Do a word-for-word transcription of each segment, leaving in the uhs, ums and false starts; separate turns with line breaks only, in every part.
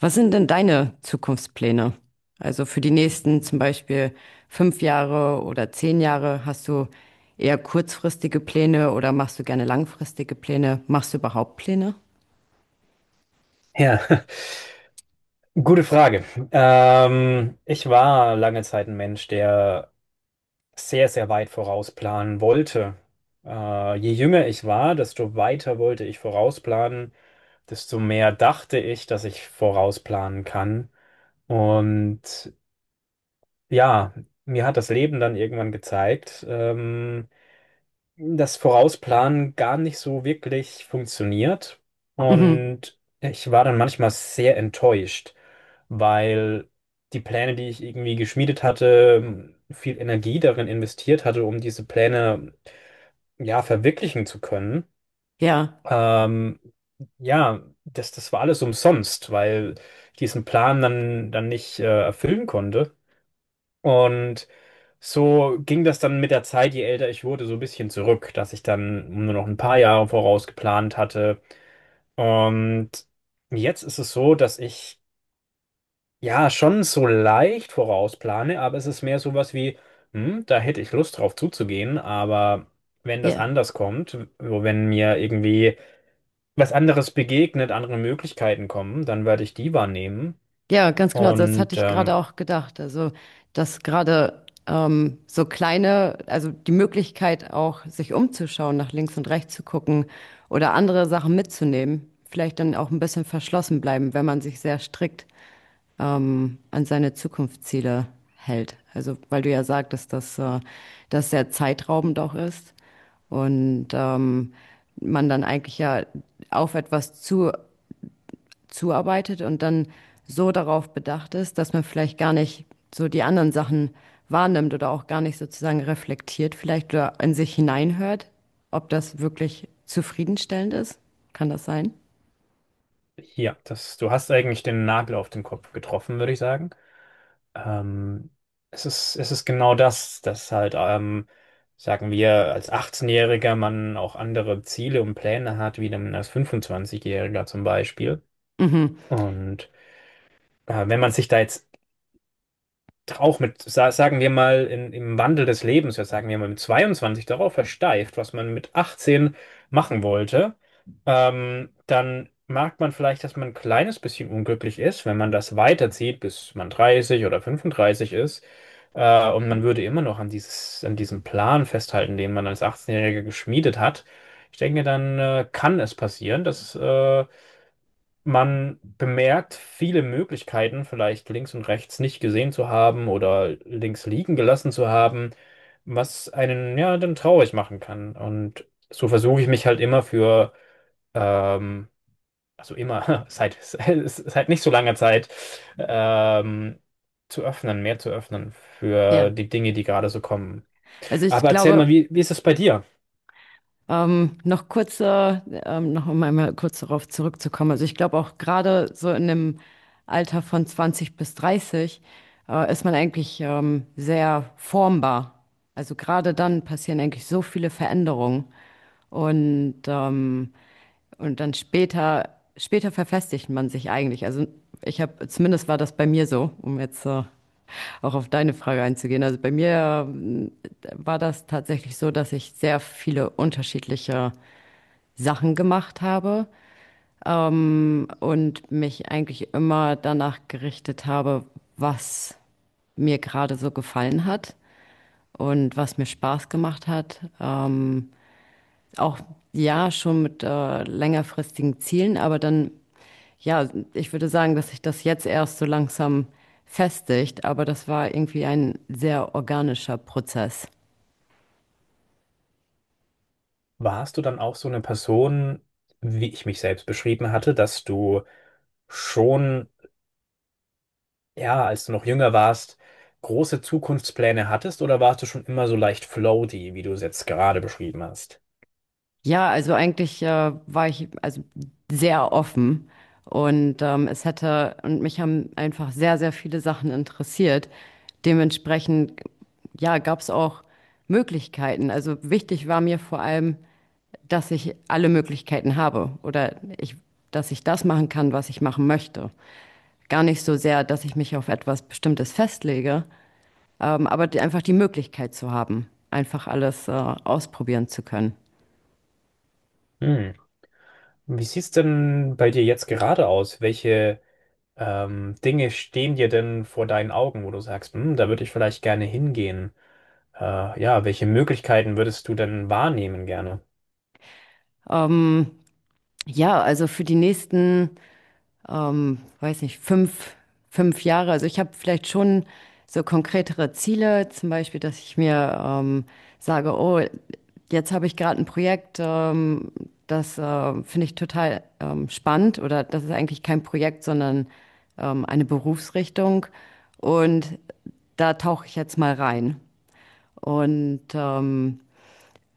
Was sind denn deine Zukunftspläne? Also für die nächsten zum Beispiel fünf Jahre oder zehn Jahre, hast du eher kurzfristige Pläne oder machst du gerne langfristige Pläne? Machst du überhaupt Pläne?
Ja, gute Frage. Ähm, ich war lange Zeit ein Mensch, der sehr, sehr weit vorausplanen wollte. Äh, je jünger ich war, desto weiter wollte ich vorausplanen, desto mehr dachte ich, dass ich vorausplanen kann. Und ja, mir hat das Leben dann irgendwann gezeigt, ähm, das Vorausplanen gar nicht so wirklich funktioniert.
Mhm.
Und ich war dann manchmal sehr enttäuscht, weil die Pläne, die ich irgendwie geschmiedet hatte, viel Energie darin investiert hatte, um diese Pläne ja verwirklichen zu können.
Ja,
Ähm, ja, das, das war alles umsonst, weil ich diesen Plan dann, dann nicht äh, erfüllen konnte. Und so ging das dann mit der Zeit, je älter ich wurde, so ein bisschen zurück, dass ich dann nur noch ein paar Jahre voraus geplant hatte. Und jetzt ist es so, dass ich ja schon so leicht vorausplane, aber es ist mehr sowas wie, hm, da hätte ich Lust drauf zuzugehen, aber wenn das
ja,
anders kommt, wo- wenn mir irgendwie was anderes begegnet, andere Möglichkeiten kommen, dann werde ich die wahrnehmen.
ja, ganz genau. Das hatte
Und
ich gerade
ähm,
auch gedacht. Also, dass gerade ähm, so kleine, also die Möglichkeit auch, sich umzuschauen, nach links und rechts zu gucken oder andere Sachen mitzunehmen, vielleicht dann auch ein bisschen verschlossen bleiben, wenn man sich sehr strikt ähm, an seine Zukunftsziele hält. Also, weil du ja sagtest, dass äh, das sehr zeitraubend auch ist und ähm, man dann eigentlich ja auf etwas zu, zuarbeitet und dann so darauf bedacht ist, dass man vielleicht gar nicht so die anderen Sachen wahrnimmt oder auch gar nicht sozusagen reflektiert vielleicht oder in sich hineinhört, ob das wirklich zufriedenstellend ist. Kann das sein?
ja, das, du hast eigentlich den Nagel auf den Kopf getroffen, würde ich sagen. Ähm, es ist, es ist genau das, dass halt, ähm, sagen wir, als achtzehnjähriger-Jähriger man auch andere Ziele und Pläne hat, wie dann als fünfundzwanzigjähriger-Jähriger zum Beispiel.
Mhm.
Und äh, wenn man sich da jetzt auch mit, sa- sagen wir mal, in, im Wandel des Lebens, ja, sagen wir mal, mit zweiundzwanzig darauf versteift, was man mit achtzehn machen wollte, ähm, dann merkt man vielleicht, dass man ein kleines bisschen unglücklich ist, wenn man das weiterzieht, bis man dreißig oder fünfunddreißig ist. Äh, und man würde immer noch an dieses, an diesem Plan festhalten, den man als achtzehnjähriger-Jähriger geschmiedet hat. Ich denke, dann äh, kann es passieren, dass äh, man bemerkt viele Möglichkeiten, vielleicht links und rechts nicht gesehen zu haben oder links liegen gelassen zu haben, was einen ja dann traurig machen kann. Und so versuche ich mich halt immer für, ähm, also immer, seit, seit nicht so langer Zeit, ähm, zu öffnen, mehr zu öffnen für
Ja.
die Dinge, die gerade so kommen.
Also ich
Aber erzähl mal,
glaube,
wie, wie ist es bei dir?
Ähm, noch kurzer, ähm, noch um einmal kurz darauf zurückzukommen. Also ich glaube auch gerade so in dem Alter von zwanzig bis dreißig äh, ist man eigentlich ähm, sehr formbar. Also gerade dann passieren eigentlich so viele Veränderungen und ähm, und dann später später verfestigt man sich eigentlich. Also ich habe zumindest war das bei mir so, um jetzt äh, auch auf deine Frage einzugehen. Also bei mir ähm, war das tatsächlich so, dass ich sehr viele unterschiedliche Sachen gemacht habe, ähm, und mich eigentlich immer danach gerichtet habe, was mir gerade so gefallen hat und was mir Spaß gemacht hat. Ähm, auch ja, schon mit äh, längerfristigen Zielen, aber dann, ja, ich würde sagen, dass sich das jetzt erst so langsam festigt, aber das war irgendwie ein sehr organischer Prozess.
Warst du dann auch so eine Person, wie ich mich selbst beschrieben hatte, dass du schon ja, als du noch jünger warst, große Zukunftspläne hattest oder warst du schon immer so leicht floaty, wie du es jetzt gerade beschrieben hast?
Ja, also eigentlich äh, war ich also sehr offen und ähm, es hätte und mich haben einfach sehr, sehr viele Sachen interessiert. Dementsprechend, ja, gab es auch Möglichkeiten. Also wichtig war mir vor allem, dass ich alle Möglichkeiten habe oder ich, dass ich das machen kann, was ich machen möchte. Gar nicht so sehr, dass ich mich auf etwas Bestimmtes festlege, ähm, aber die, einfach die Möglichkeit zu haben, einfach alles äh, ausprobieren zu können.
Hm. Wie sieht's denn bei dir jetzt gerade aus? Welche ähm, Dinge stehen dir denn vor deinen Augen, wo du sagst, hm, da würde ich vielleicht gerne hingehen? Äh, ja, welche Möglichkeiten würdest du denn wahrnehmen gerne?
Ähm, Ja, also für die nächsten, ähm, weiß nicht, fünf, fünf Jahre. Also ich habe vielleicht schon so konkretere Ziele, zum Beispiel, dass ich mir ähm, sage, oh, jetzt habe ich gerade ein Projekt, ähm, das äh, finde ich total ähm, spannend oder das ist eigentlich kein Projekt, sondern ähm, eine Berufsrichtung und da tauche ich jetzt mal rein. Und ähm,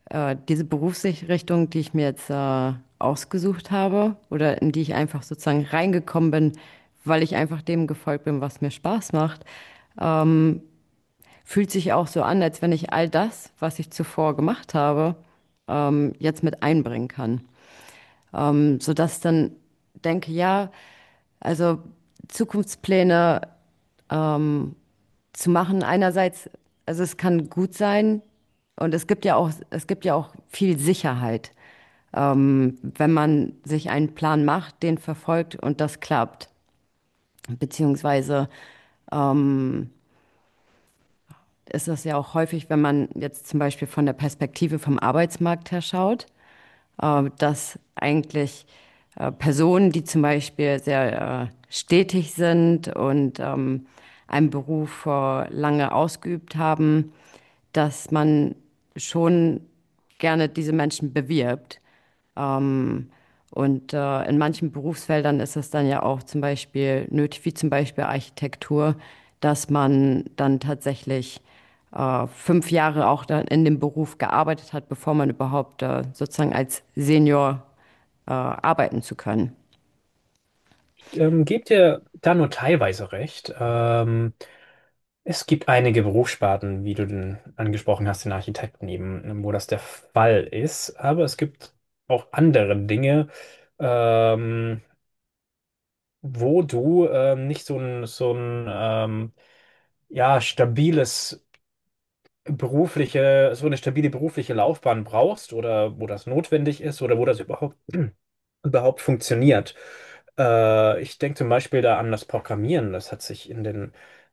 äh, diese Berufsrichtung, die ich mir jetzt äh, ausgesucht habe oder in die ich einfach sozusagen reingekommen bin, weil ich einfach dem gefolgt bin, was mir Spaß macht, fühlt sich auch so an, als wenn ich all das, was ich zuvor gemacht habe, ähm, jetzt mit einbringen kann. Ähm, sodass dann denke, ja, also Zukunftspläne zu machen, einerseits, also es kann gut sein und es gibt ja auch, es gibt ja auch viel Sicherheit, wenn man sich einen Plan macht, den verfolgt und das klappt. Beziehungsweise ähm, ist das ja auch häufig, wenn man jetzt zum Beispiel von der Perspektive vom Arbeitsmarkt her schaut, äh, dass eigentlich äh, Personen, die zum Beispiel sehr äh, stetig sind und ähm, einen Beruf äh, lange ausgeübt haben, dass man schon gerne diese Menschen bewirbt. Und äh, in manchen Berufsfeldern ist es dann ja auch zum Beispiel nötig, wie zum Beispiel Architektur, dass man dann tatsächlich äh, fünf Jahre auch dann in dem Beruf gearbeitet hat, bevor man überhaupt äh, sozusagen als Senior äh, arbeiten zu können.
Ähm, gebt dir da nur teilweise recht. Ähm, Es gibt einige Berufssparten, wie du denn angesprochen hast, den Architekten eben, wo das der Fall ist. Aber es gibt auch andere Dinge, ähm, wo du ähm, nicht so ein, so ein ähm, ja, stabiles berufliche, so eine stabile berufliche Laufbahn brauchst oder wo das notwendig ist oder wo das überhaupt, überhaupt funktioniert. Äh, ich denke zum Beispiel da an das Programmieren. Das hat sich in den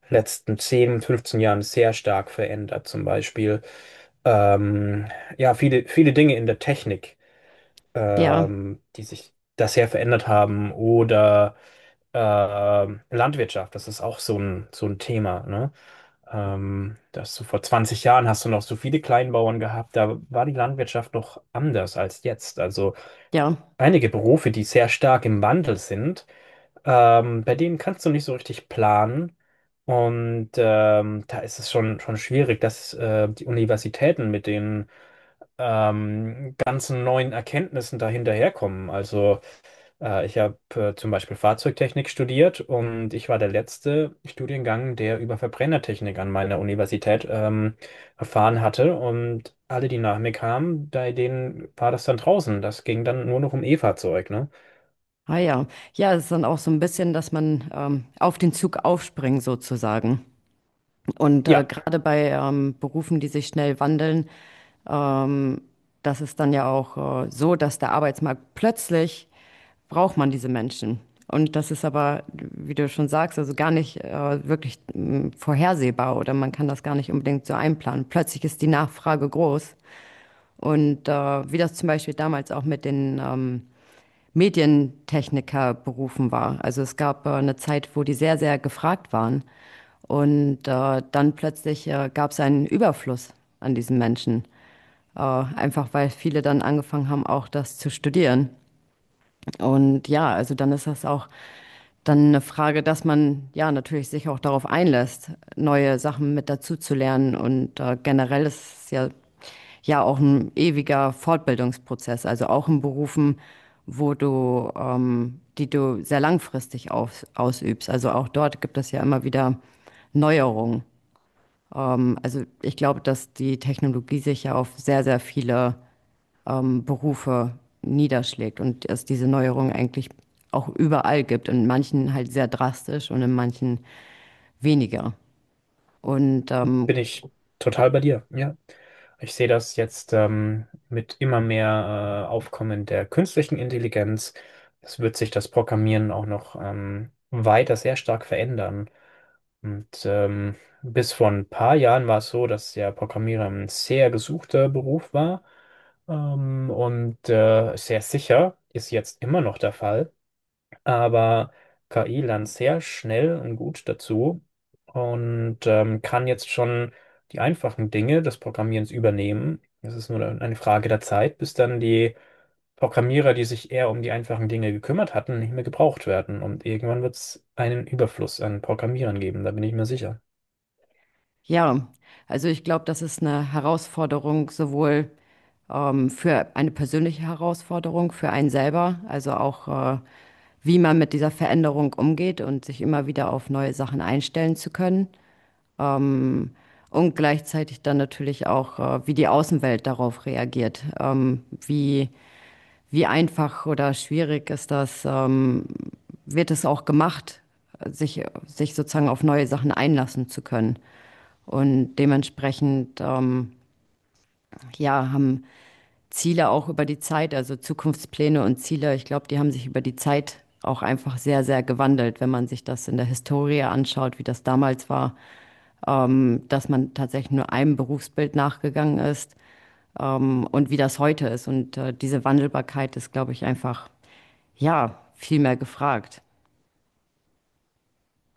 letzten zehn, fünfzehn Jahren sehr stark verändert. Zum Beispiel, ähm, ja, viele, viele Dinge in der Technik,
Ja,
ähm, die sich da sehr verändert haben. Oder ähm, Landwirtschaft, das ist auch so ein, so ein Thema, ne? Ähm, dass du vor zwanzig Jahren hast du noch so viele Kleinbauern gehabt, da war die Landwirtschaft noch anders als jetzt. Also
ja,
einige Berufe, die sehr stark im Wandel sind, ähm, bei denen kannst du nicht so richtig planen. Und ähm, da ist es schon, schon schwierig, dass äh, die Universitäten mit den ähm, ganzen neuen Erkenntnissen da hinterherkommen. Also äh, ich habe äh, zum Beispiel Fahrzeugtechnik studiert und ich war der letzte Studiengang, der über Verbrennertechnik an meiner Universität ähm, erfahren hatte. Und alle, die nach mir kamen, bei denen war das dann draußen. Das ging dann nur noch um E-Fahrzeug, ne?
ah ja. Ja, es ist dann auch so ein bisschen, dass man ähm, auf den Zug aufspringt sozusagen. Und äh,
Ja,
gerade bei ähm, Berufen, die sich schnell wandeln, ähm, das ist dann ja auch äh, so, dass der Arbeitsmarkt plötzlich braucht man diese Menschen. Und das ist aber, wie du schon sagst, also gar nicht äh, wirklich mh, vorhersehbar oder man kann das gar nicht unbedingt so einplanen. Plötzlich ist die Nachfrage groß. Und äh, wie das zum Beispiel damals auch mit den ähm, Medientechniker berufen war. Also es gab äh, eine Zeit, wo die sehr, sehr gefragt waren. Und äh, dann plötzlich äh, gab es einen Überfluss an diesen Menschen. Äh, einfach weil viele dann angefangen haben, auch das zu studieren. Und ja, also dann ist das auch dann eine Frage, dass man ja natürlich sich auch darauf einlässt, neue Sachen mit dazu zu lernen. Und äh, generell ist es ja, ja auch ein ewiger Fortbildungsprozess, also auch in Berufen, wo du, ähm, die du sehr langfristig aus, ausübst. Also auch dort gibt es ja immer wieder Neuerungen. Ähm, also ich glaube, dass die Technologie sich ja auf sehr, sehr viele ähm, Berufe niederschlägt und es diese Neuerung eigentlich auch überall gibt. In manchen halt sehr drastisch und in manchen weniger. Und ähm,
bin ich total bei dir, ja. Ich sehe das jetzt ähm, mit immer mehr äh, Aufkommen der künstlichen Intelligenz. Es wird sich das Programmieren auch noch ähm, weiter sehr stark verändern. Und ähm, bis vor ein paar Jahren war es so, dass ja Programmierer ein sehr gesuchter Beruf war, ähm, und äh, sehr sicher ist jetzt immer noch der Fall. Aber K I lernt sehr schnell und gut dazu und ähm, kann jetzt schon die einfachen Dinge des Programmierens übernehmen. Es ist nur eine Frage der Zeit, bis dann die Programmierer, die sich eher um die einfachen Dinge gekümmert hatten, nicht mehr gebraucht werden. Und irgendwann wird es einen Überfluss an Programmierern geben, da bin ich mir sicher.
ja, also ich glaube, das ist eine Herausforderung sowohl ähm, für eine persönliche Herausforderung für einen selber, also auch äh, wie man mit dieser Veränderung umgeht und sich immer wieder auf neue Sachen einstellen zu können. Ähm, und gleichzeitig dann natürlich auch, äh, wie die Außenwelt darauf reagiert. Ähm, wie, wie einfach oder schwierig ist das? Ähm, wird es auch gemacht, sich, sich sozusagen auf neue Sachen einlassen zu können? Und dementsprechend, ähm, ja, haben Ziele auch über die Zeit, also Zukunftspläne und Ziele, ich glaube, die haben sich über die Zeit auch einfach sehr, sehr gewandelt, wenn man sich das in der Historie anschaut, wie das damals war, ähm, dass man tatsächlich nur einem Berufsbild nachgegangen ist, ähm, und wie das heute ist. Und äh, diese Wandelbarkeit ist, glaube ich, einfach, ja, viel mehr gefragt.